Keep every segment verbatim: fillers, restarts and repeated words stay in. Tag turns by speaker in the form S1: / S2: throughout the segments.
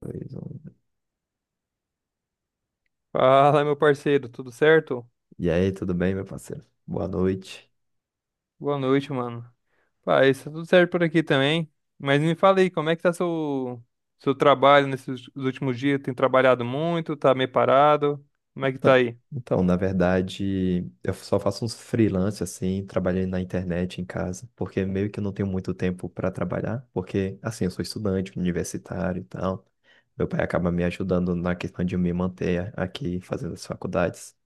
S1: Dois, um.
S2: Fala, meu parceiro, tudo certo?
S1: E aí, tudo bem, meu parceiro? Boa noite.
S2: Boa noite, mano. Pá, isso tá tudo certo por aqui também. Mas me fala aí, como é que tá seu, seu trabalho nesses últimos dias? Tem trabalhado muito? Tá meio parado? Como é que tá
S1: Tá.
S2: aí?
S1: Então, na verdade, eu só faço uns freelance assim, trabalhando na internet em casa, porque meio que eu não tenho muito tempo para trabalhar, porque assim, eu sou estudante, universitário e tal. Meu pai acaba me ajudando na questão de me manter aqui fazendo as faculdades.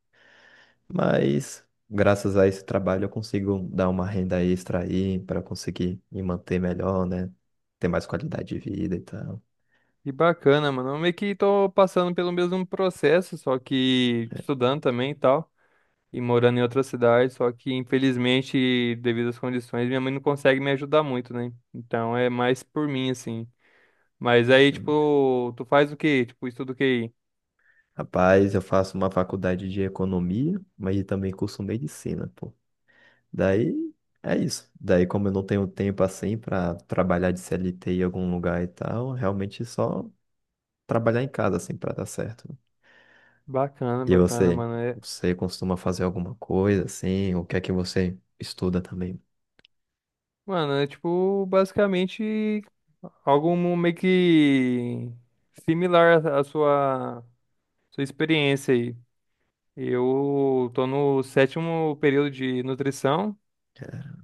S1: Mas graças a esse trabalho eu consigo dar uma renda extra aí para conseguir me manter melhor, né? Ter mais qualidade de vida e tal.
S2: Que bacana, mano. Eu meio que tô passando pelo mesmo processo, só que estudando também e tal, e morando em outra cidade, só que infelizmente, devido às condições, minha mãe não consegue me ajudar muito, né? Então é mais por mim, assim. Mas aí,
S1: Né?
S2: tipo, tu faz o quê? Tipo, estuda o quê?
S1: Rapaz, eu faço uma faculdade de economia, mas também curso medicina, pô. Daí é isso. Daí, como eu não tenho tempo assim para trabalhar de C L T em algum lugar e tal, realmente só trabalhar em casa assim para dar certo.
S2: Bacana,
S1: E
S2: bacana,
S1: você,
S2: mano. É,
S1: você costuma fazer alguma coisa assim? O que é que você estuda também?
S2: mano, é tipo, basicamente, algo meio que similar à à sua, sua experiência aí. Eu tô no sétimo período de nutrição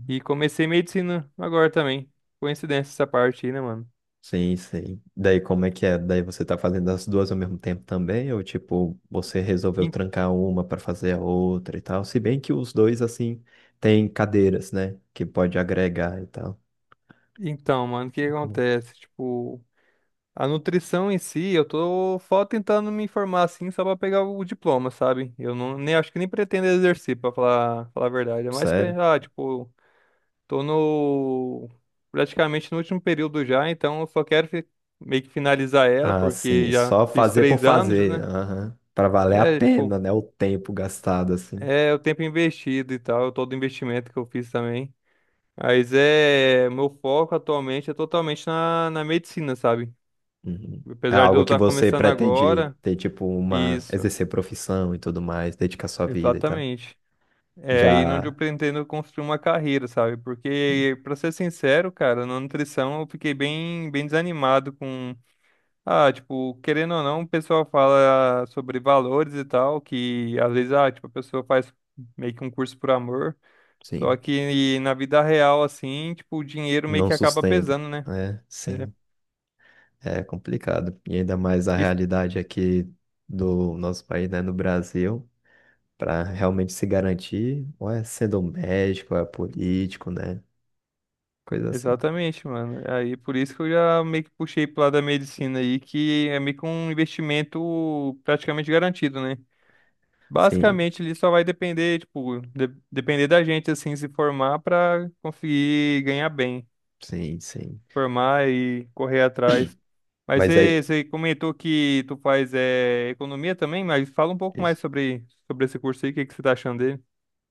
S2: e comecei medicina agora também. Coincidência essa parte aí, né, mano?
S1: Sim, sim. Daí como é que é? Daí você tá fazendo as duas ao mesmo tempo também? Ou tipo, você resolveu
S2: En-
S1: trancar uma para fazer a outra e tal? Se bem que os dois, assim, têm cadeiras, né? Que pode agregar e tal.
S2: Então, mano, o que que
S1: E como-
S2: acontece? Tipo, a nutrição em si, eu tô só tentando me informar assim, só pra pegar o diploma, sabe? Eu não, nem acho que nem pretendo exercer, pra falar, falar a verdade. É mais
S1: Sério?
S2: pra, ah, tipo, tô no praticamente no último período já, então eu só quero fi- meio que finalizar ela,
S1: Ah,
S2: porque
S1: sim.
S2: já
S1: Só
S2: fiz
S1: fazer por
S2: três anos,
S1: fazer.
S2: né?
S1: Aham. Para valer a
S2: É,
S1: pena,
S2: tipo,
S1: né? O tempo gastado, assim.
S2: é o tempo investido e tal, todo o investimento que eu fiz também. Mas é, meu foco atualmente é totalmente na, na medicina, sabe?
S1: Uhum. É
S2: Apesar de eu
S1: algo que
S2: estar
S1: você
S2: começando
S1: pretende
S2: agora,
S1: ter, tipo, uma...
S2: isso.
S1: Exercer profissão e tudo mais, dedicar sua vida e tal.
S2: Exatamente. É aí onde
S1: Já,
S2: eu pretendo construir uma carreira, sabe? Porque, pra ser sincero, cara, na nutrição eu fiquei bem, bem desanimado com. Ah, tipo, querendo ou não, o pessoal fala sobre valores e tal, que às vezes, ah, tipo, a pessoa faz meio que um curso por amor. Só
S1: sim,
S2: que na vida real, assim, tipo, o dinheiro meio
S1: não
S2: que acaba
S1: sustenta.
S2: pesando, né?
S1: Né,
S2: É.
S1: sim. É complicado. E ainda mais a
S2: Isso-
S1: realidade aqui do nosso país, né, no Brasil, para realmente se garantir, ou é sendo um médico, ou é político, né? Coisa assim.
S2: Exatamente, mano. Aí por isso que eu já meio que puxei pro lado da medicina aí, que é meio que um investimento praticamente garantido, né?
S1: Sim,
S2: Basicamente, ele só vai depender, tipo, de- depender da gente, assim, se formar para conseguir ganhar bem,
S1: sim, sim.
S2: formar e correr atrás. Mas
S1: Mas aí.
S2: você, você comentou que tu faz é economia também, mas fala um pouco
S1: Isso.
S2: mais sobre, sobre esse curso aí, o que, que você tá achando dele?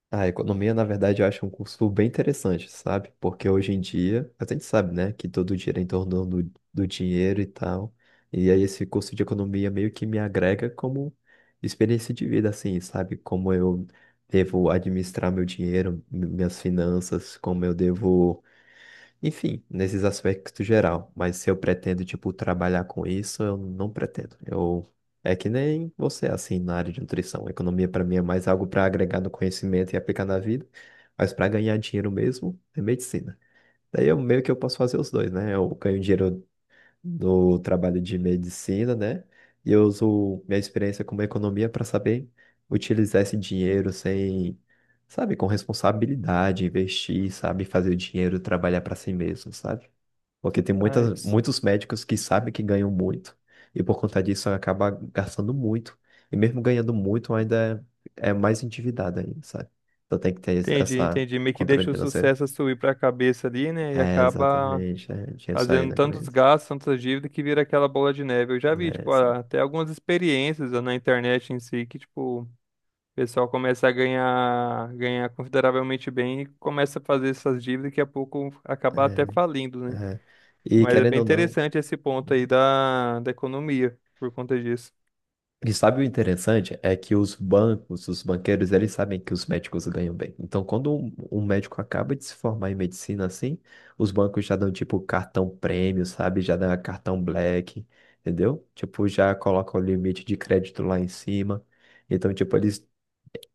S1: Ah, A economia, na verdade, eu acho um curso bem interessante, sabe? Porque hoje em dia, a gente sabe, né, que todo o é em torno do, do dinheiro e tal. E aí esse curso de economia meio que me agrega como experiência de vida, assim, sabe? Como eu devo administrar meu dinheiro, mi- minhas finanças, como eu devo enfim, nesses aspectos geral. Mas se eu pretendo, tipo, trabalhar com isso, eu não pretendo. Eu... É que nem você, assim, na área de nutrição. Economia, para mim, é mais algo para agregar no conhecimento e aplicar na vida. Mas para ganhar dinheiro mesmo, é medicina. Daí eu meio que eu posso fazer os dois, né? Eu ganho dinheiro no trabalho de medicina, né? E eu uso minha experiência como economia para saber utilizar esse dinheiro sem, sabe, com responsabilidade, investir, sabe, fazer o dinheiro trabalhar para si mesmo, sabe? Porque tem
S2: Tá,
S1: muitas,
S2: isso.
S1: muitos médicos que sabem que ganham muito e por conta disso acaba gastando muito. E mesmo ganhando muito, ainda é, é mais endividado ainda, sabe? Então tem que ter esse-
S2: Entendi,
S1: essa
S2: entendi. Meio que
S1: controle
S2: deixa o
S1: financeiro.
S2: sucesso subir para a cabeça ali, né? E
S1: É,
S2: acaba
S1: exatamente. É, tinha isso aí
S2: fazendo
S1: na
S2: tantos
S1: cabeça.
S2: gastos, tantas dívidas, que vira aquela bola de neve. Eu já
S1: Né,
S2: vi, tipo,
S1: assim,
S2: até algumas experiências na internet em si, que, tipo, o pessoal começa a ganhar, ganhar consideravelmente bem e começa a fazer essas dívidas e daqui a pouco
S1: é,
S2: acaba até
S1: sim.
S2: falindo, né?
S1: É. E
S2: Mas é
S1: querendo
S2: bem
S1: ou não,
S2: interessante esse ponto aí da, da economia por conta disso.
S1: e sabe o interessante é que os bancos, os banqueiros, eles sabem que os médicos ganham bem. Então, quando um, um médico acaba de se formar em medicina assim, os bancos já dão tipo cartão prêmio, sabe? Já dão cartão black, entendeu? Tipo, já colocam o limite de crédito lá em cima. Então, tipo, eles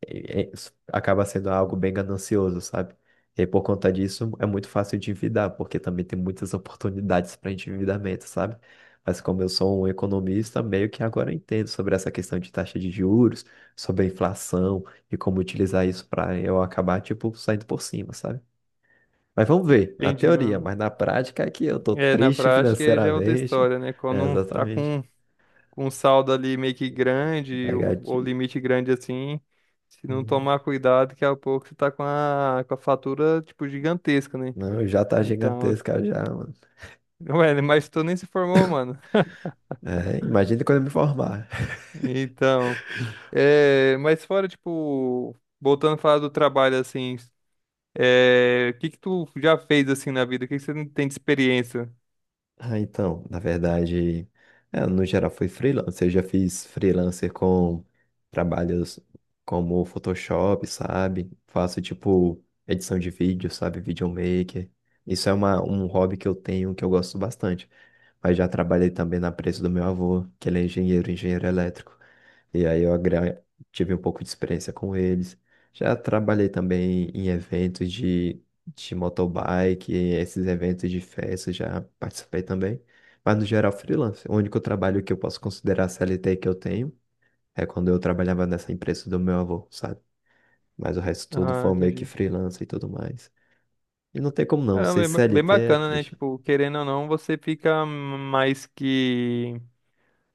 S1: é- acaba sendo algo bem ganancioso, sabe? E aí, por conta disso, é muito fácil de endividar, porque também tem muitas oportunidades para endividamento, sabe? Mas como eu sou um economista, meio que agora eu entendo sobre essa questão de taxa de juros, sobre a inflação e como utilizar isso para eu acabar, tipo, saindo por cima, sabe? Mas vamos ver, na
S2: Entendi,
S1: teoria,
S2: mano.
S1: mas na prática é que eu tô
S2: É, na
S1: triste
S2: prática já é outra
S1: financeiramente.
S2: história, né?
S1: É,
S2: Quando um tá
S1: exatamente.
S2: com, com um saldo ali meio que grande ou, ou
S1: Negativo.
S2: limite grande assim, se não
S1: Hum.
S2: tomar cuidado, daqui a pouco você tá com a, com a fatura, tipo, gigantesca, né?
S1: Não, já tá
S2: Então,
S1: gigantesca já, mano.
S2: ué, mas tu nem se formou, mano.
S1: É, imagina quando eu me formar.
S2: Então. É, mas fora, tipo, voltando a falar do trabalho, assim, é, o que que tu já fez, assim, na vida? O que que você não tem de experiência?
S1: Ah, então, na verdade, é, no geral foi freelancer. Eu já fiz freelancer com trabalhos como Photoshop, sabe? Faço tipo edição de vídeo, sabe? Videomaker. Isso é uma, um hobby que eu tenho, que eu gosto bastante. Mas já trabalhei também na empresa do meu avô, que ele é engenheiro, engenheiro elétrico. E aí eu agra- tive um pouco de experiência com eles. Já trabalhei também em eventos de de motobike, esses eventos de festa, já participei também. Mas no geral, freelance. O único trabalho que eu posso considerar C L T que eu tenho é quando eu trabalhava nessa empresa do meu avô, sabe? Mas o resto tudo
S2: Ah,
S1: foi meio que
S2: entendi.
S1: freelance e tudo mais. E não tem como não,
S2: Caramba,
S1: ser
S2: bem, ba- bem
S1: C L T é
S2: bacana, né?
S1: triste.
S2: Tipo, querendo ou não, você fica mais que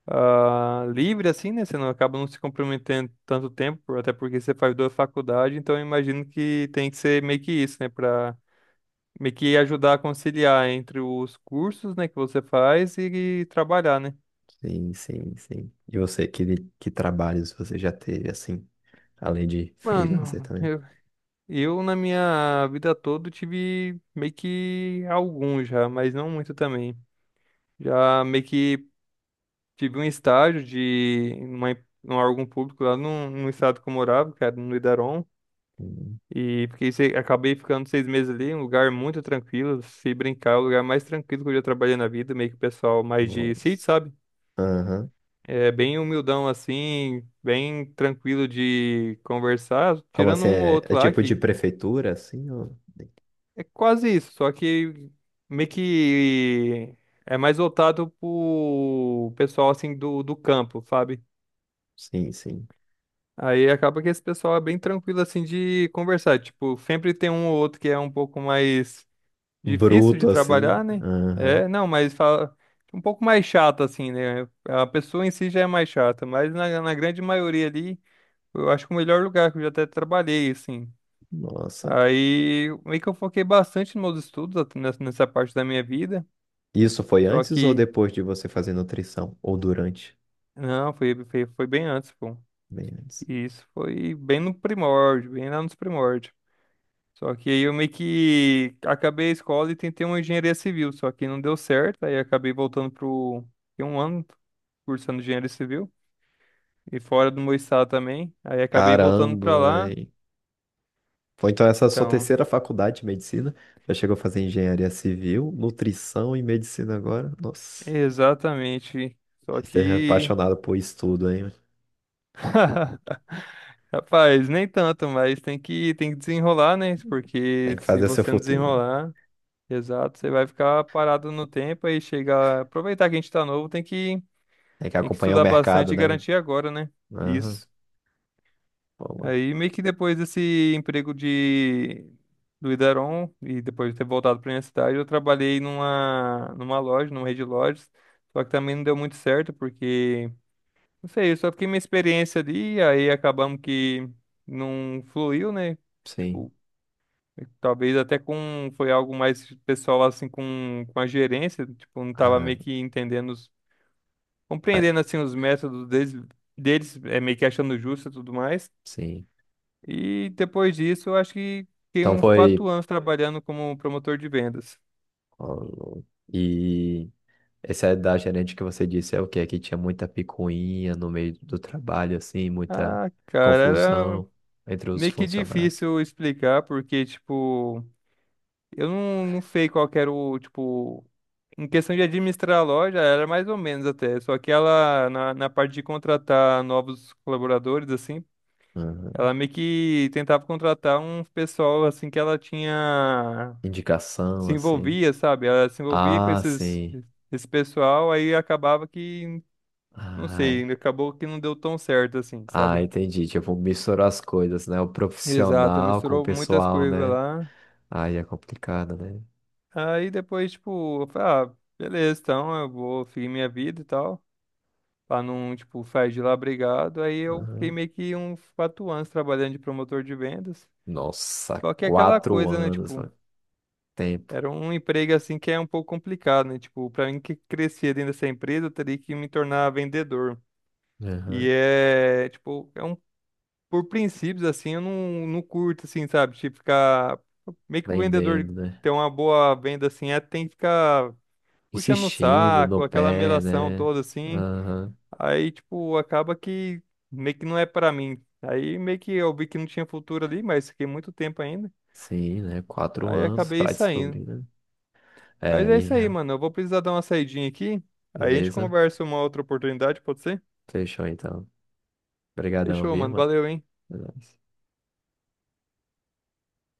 S2: ah, livre, assim, né? Você não acaba não se comprometendo tanto tempo, até porque você faz duas faculdades, então eu imagino que tem que ser meio que isso, né? Pra meio que ajudar a conciliar entre os cursos, né, que você faz e trabalhar, né?
S1: Sim, sim, sim. E você, que, que trabalhos você já teve, assim, além de freelancer
S2: Mano,
S1: também?
S2: eu, na minha vida toda, tive meio que alguns já, mas não muito também. Já meio que tive um estágio de uma, em um órgão público lá no, no estado que eu morava, que era no Idaron.
S1: Hum.
S2: E fiquei, se- acabei ficando seis meses ali, um lugar muito tranquilo. Se brincar, é o lugar mais tranquilo que eu já trabalhei na vida, meio que o pessoal mais de
S1: Nossa.
S2: sítio, sabe?
S1: Aham.
S2: É bem humildão assim, bem tranquilo de conversar,
S1: Como
S2: tirando
S1: assim?
S2: um ou
S1: É, é
S2: outro lá
S1: tipo de
S2: que.
S1: prefeitura, assim? Ou...
S2: É quase isso, só que meio que é mais voltado pro pessoal assim do, do campo, sabe?
S1: Sim, sim.
S2: Aí acaba que esse pessoal é bem tranquilo assim de conversar. Tipo, sempre tem um ou outro que é um pouco mais difícil de
S1: Bruto assim.
S2: trabalhar, né?
S1: Aham.
S2: É, não, mas fala um pouco mais chato assim, né? A pessoa em si já é mais chata, mas na, na grande maioria ali, eu acho que o melhor lugar que eu já até trabalhei, assim.
S1: Nossa.
S2: Aí meio que eu foquei bastante nos meus estudos at- nessa nessa parte da minha vida.
S1: Isso foi
S2: Só
S1: antes ou
S2: que,
S1: depois de você fazer nutrição? Ou durante?
S2: não, foi, foi, foi bem antes, pô.
S1: Bem antes.
S2: E isso foi bem no primórdio, bem lá nos primórdios. Só que aí eu meio que acabei a escola e tentei uma engenharia civil, só que não deu certo, aí acabei voltando pro. Fiquei um ano cursando engenharia civil, e fora do meu estado também, aí acabei voltando
S1: Caramba,
S2: pra lá.
S1: véi. Foi então essa sua
S2: Então,
S1: terceira faculdade de medicina? Já chegou a fazer engenharia civil, nutrição e medicina agora? Nossa.
S2: exatamente. Só
S1: Você é
S2: que.
S1: apaixonado por estudo, hein?
S2: Rapaz, nem tanto, mas tem que, tem que desenrolar, né?
S1: Tem
S2: Porque
S1: que
S2: se
S1: fazer seu
S2: você não
S1: futuro, né?
S2: desenrolar. Exato, você vai ficar parado no tempo aí chegar. Aproveitar que a gente tá novo, tem que,
S1: Tem que
S2: tem que
S1: acompanhar o
S2: estudar bastante
S1: mercado,
S2: e
S1: né? Mano?
S2: garantir agora, né?
S1: Aham.
S2: Isso.
S1: Bom, mano.
S2: Aí meio que depois desse emprego de do Idaron e depois de ter voltado para minha cidade, eu trabalhei numa numa loja, numa rede de lojas, só que também não deu muito certo porque não sei, eu só fiquei minha experiência ali, aí acabamos que não fluiu, né?
S1: Sim.
S2: Tipo, talvez até com foi algo mais pessoal assim com, com a gerência, tipo, não tava
S1: Ah,
S2: meio que entendendo, os-
S1: ah,
S2: compreendendo assim os métodos deles, deles, é meio que achando justo e tudo mais.
S1: sim.
S2: E depois disso, eu acho que fiquei
S1: Então
S2: uns quatro
S1: foi.
S2: anos trabalhando como promotor de vendas.
S1: Ó, e esse é da gerente que você disse, é o quê? Que tinha muita picuinha no meio do trabalho, assim, muita
S2: Ah, cara, era
S1: confusão entre os
S2: meio que
S1: funcionários.
S2: difícil explicar porque tipo eu não, não sei qual que era o, tipo, em questão de administrar a loja, era mais ou menos até. Só que ela, na, na parte de contratar novos colaboradores, assim,
S1: Aham.
S2: ela meio que tentava contratar um pessoal, assim, que ela tinha,
S1: Indicação,
S2: se
S1: assim.
S2: envolvia, sabe? Ela se envolvia com
S1: Ah,
S2: esses,
S1: sim.
S2: esse pessoal, aí acabava que, não
S1: Ah,
S2: sei,
S1: é.
S2: acabou que não deu tão certo, assim,
S1: Ah,
S2: sabe?
S1: entendi. Tipo, misturar as coisas, né? O
S2: Exato,
S1: profissional com o
S2: misturou muitas
S1: pessoal,
S2: coisas
S1: né?
S2: lá.
S1: Aí é complicado, né?
S2: Aí depois, tipo, eu falei, ah, beleza, então eu vou seguir minha vida e tal. Pra não, tipo, sair de lá brigado. Aí eu fiquei
S1: Aham.
S2: meio que uns quatro anos trabalhando de promotor de vendas.
S1: Nossa,
S2: Só que é aquela
S1: quatro
S2: coisa, né,
S1: anos,
S2: tipo,
S1: mano. Tempo.
S2: era um emprego assim que é um pouco complicado, né? Tipo, pra mim que crescer dentro dessa empresa, eu teria que me tornar vendedor. E
S1: Aham.
S2: é, tipo, é um por princípios assim, eu não, não curto assim, sabe? Tipo, ficar meio que o vendedor
S1: Vendendo, né?
S2: ter uma boa venda assim, é tem que ficar puxando o
S1: Insistindo no
S2: saco, aquela
S1: pé,
S2: melação
S1: né?
S2: toda assim.
S1: Aham.
S2: Aí, tipo, acaba que meio que não é pra mim. Aí meio que eu vi que não tinha futuro ali, mas fiquei muito tempo ainda.
S1: Sim, né? Quatro
S2: Aí
S1: anos
S2: acabei
S1: pra
S2: saindo.
S1: descobrir, né? É,
S2: Mas é
S1: e aí,
S2: isso aí, mano. Eu vou precisar dar uma saidinha aqui. Aí a gente
S1: beleza?
S2: conversa uma outra oportunidade, pode ser?
S1: Fechou então. Obrigadão,
S2: Fechou,
S1: viu,
S2: mano.
S1: mano?
S2: Valeu, hein?
S1: É nóis.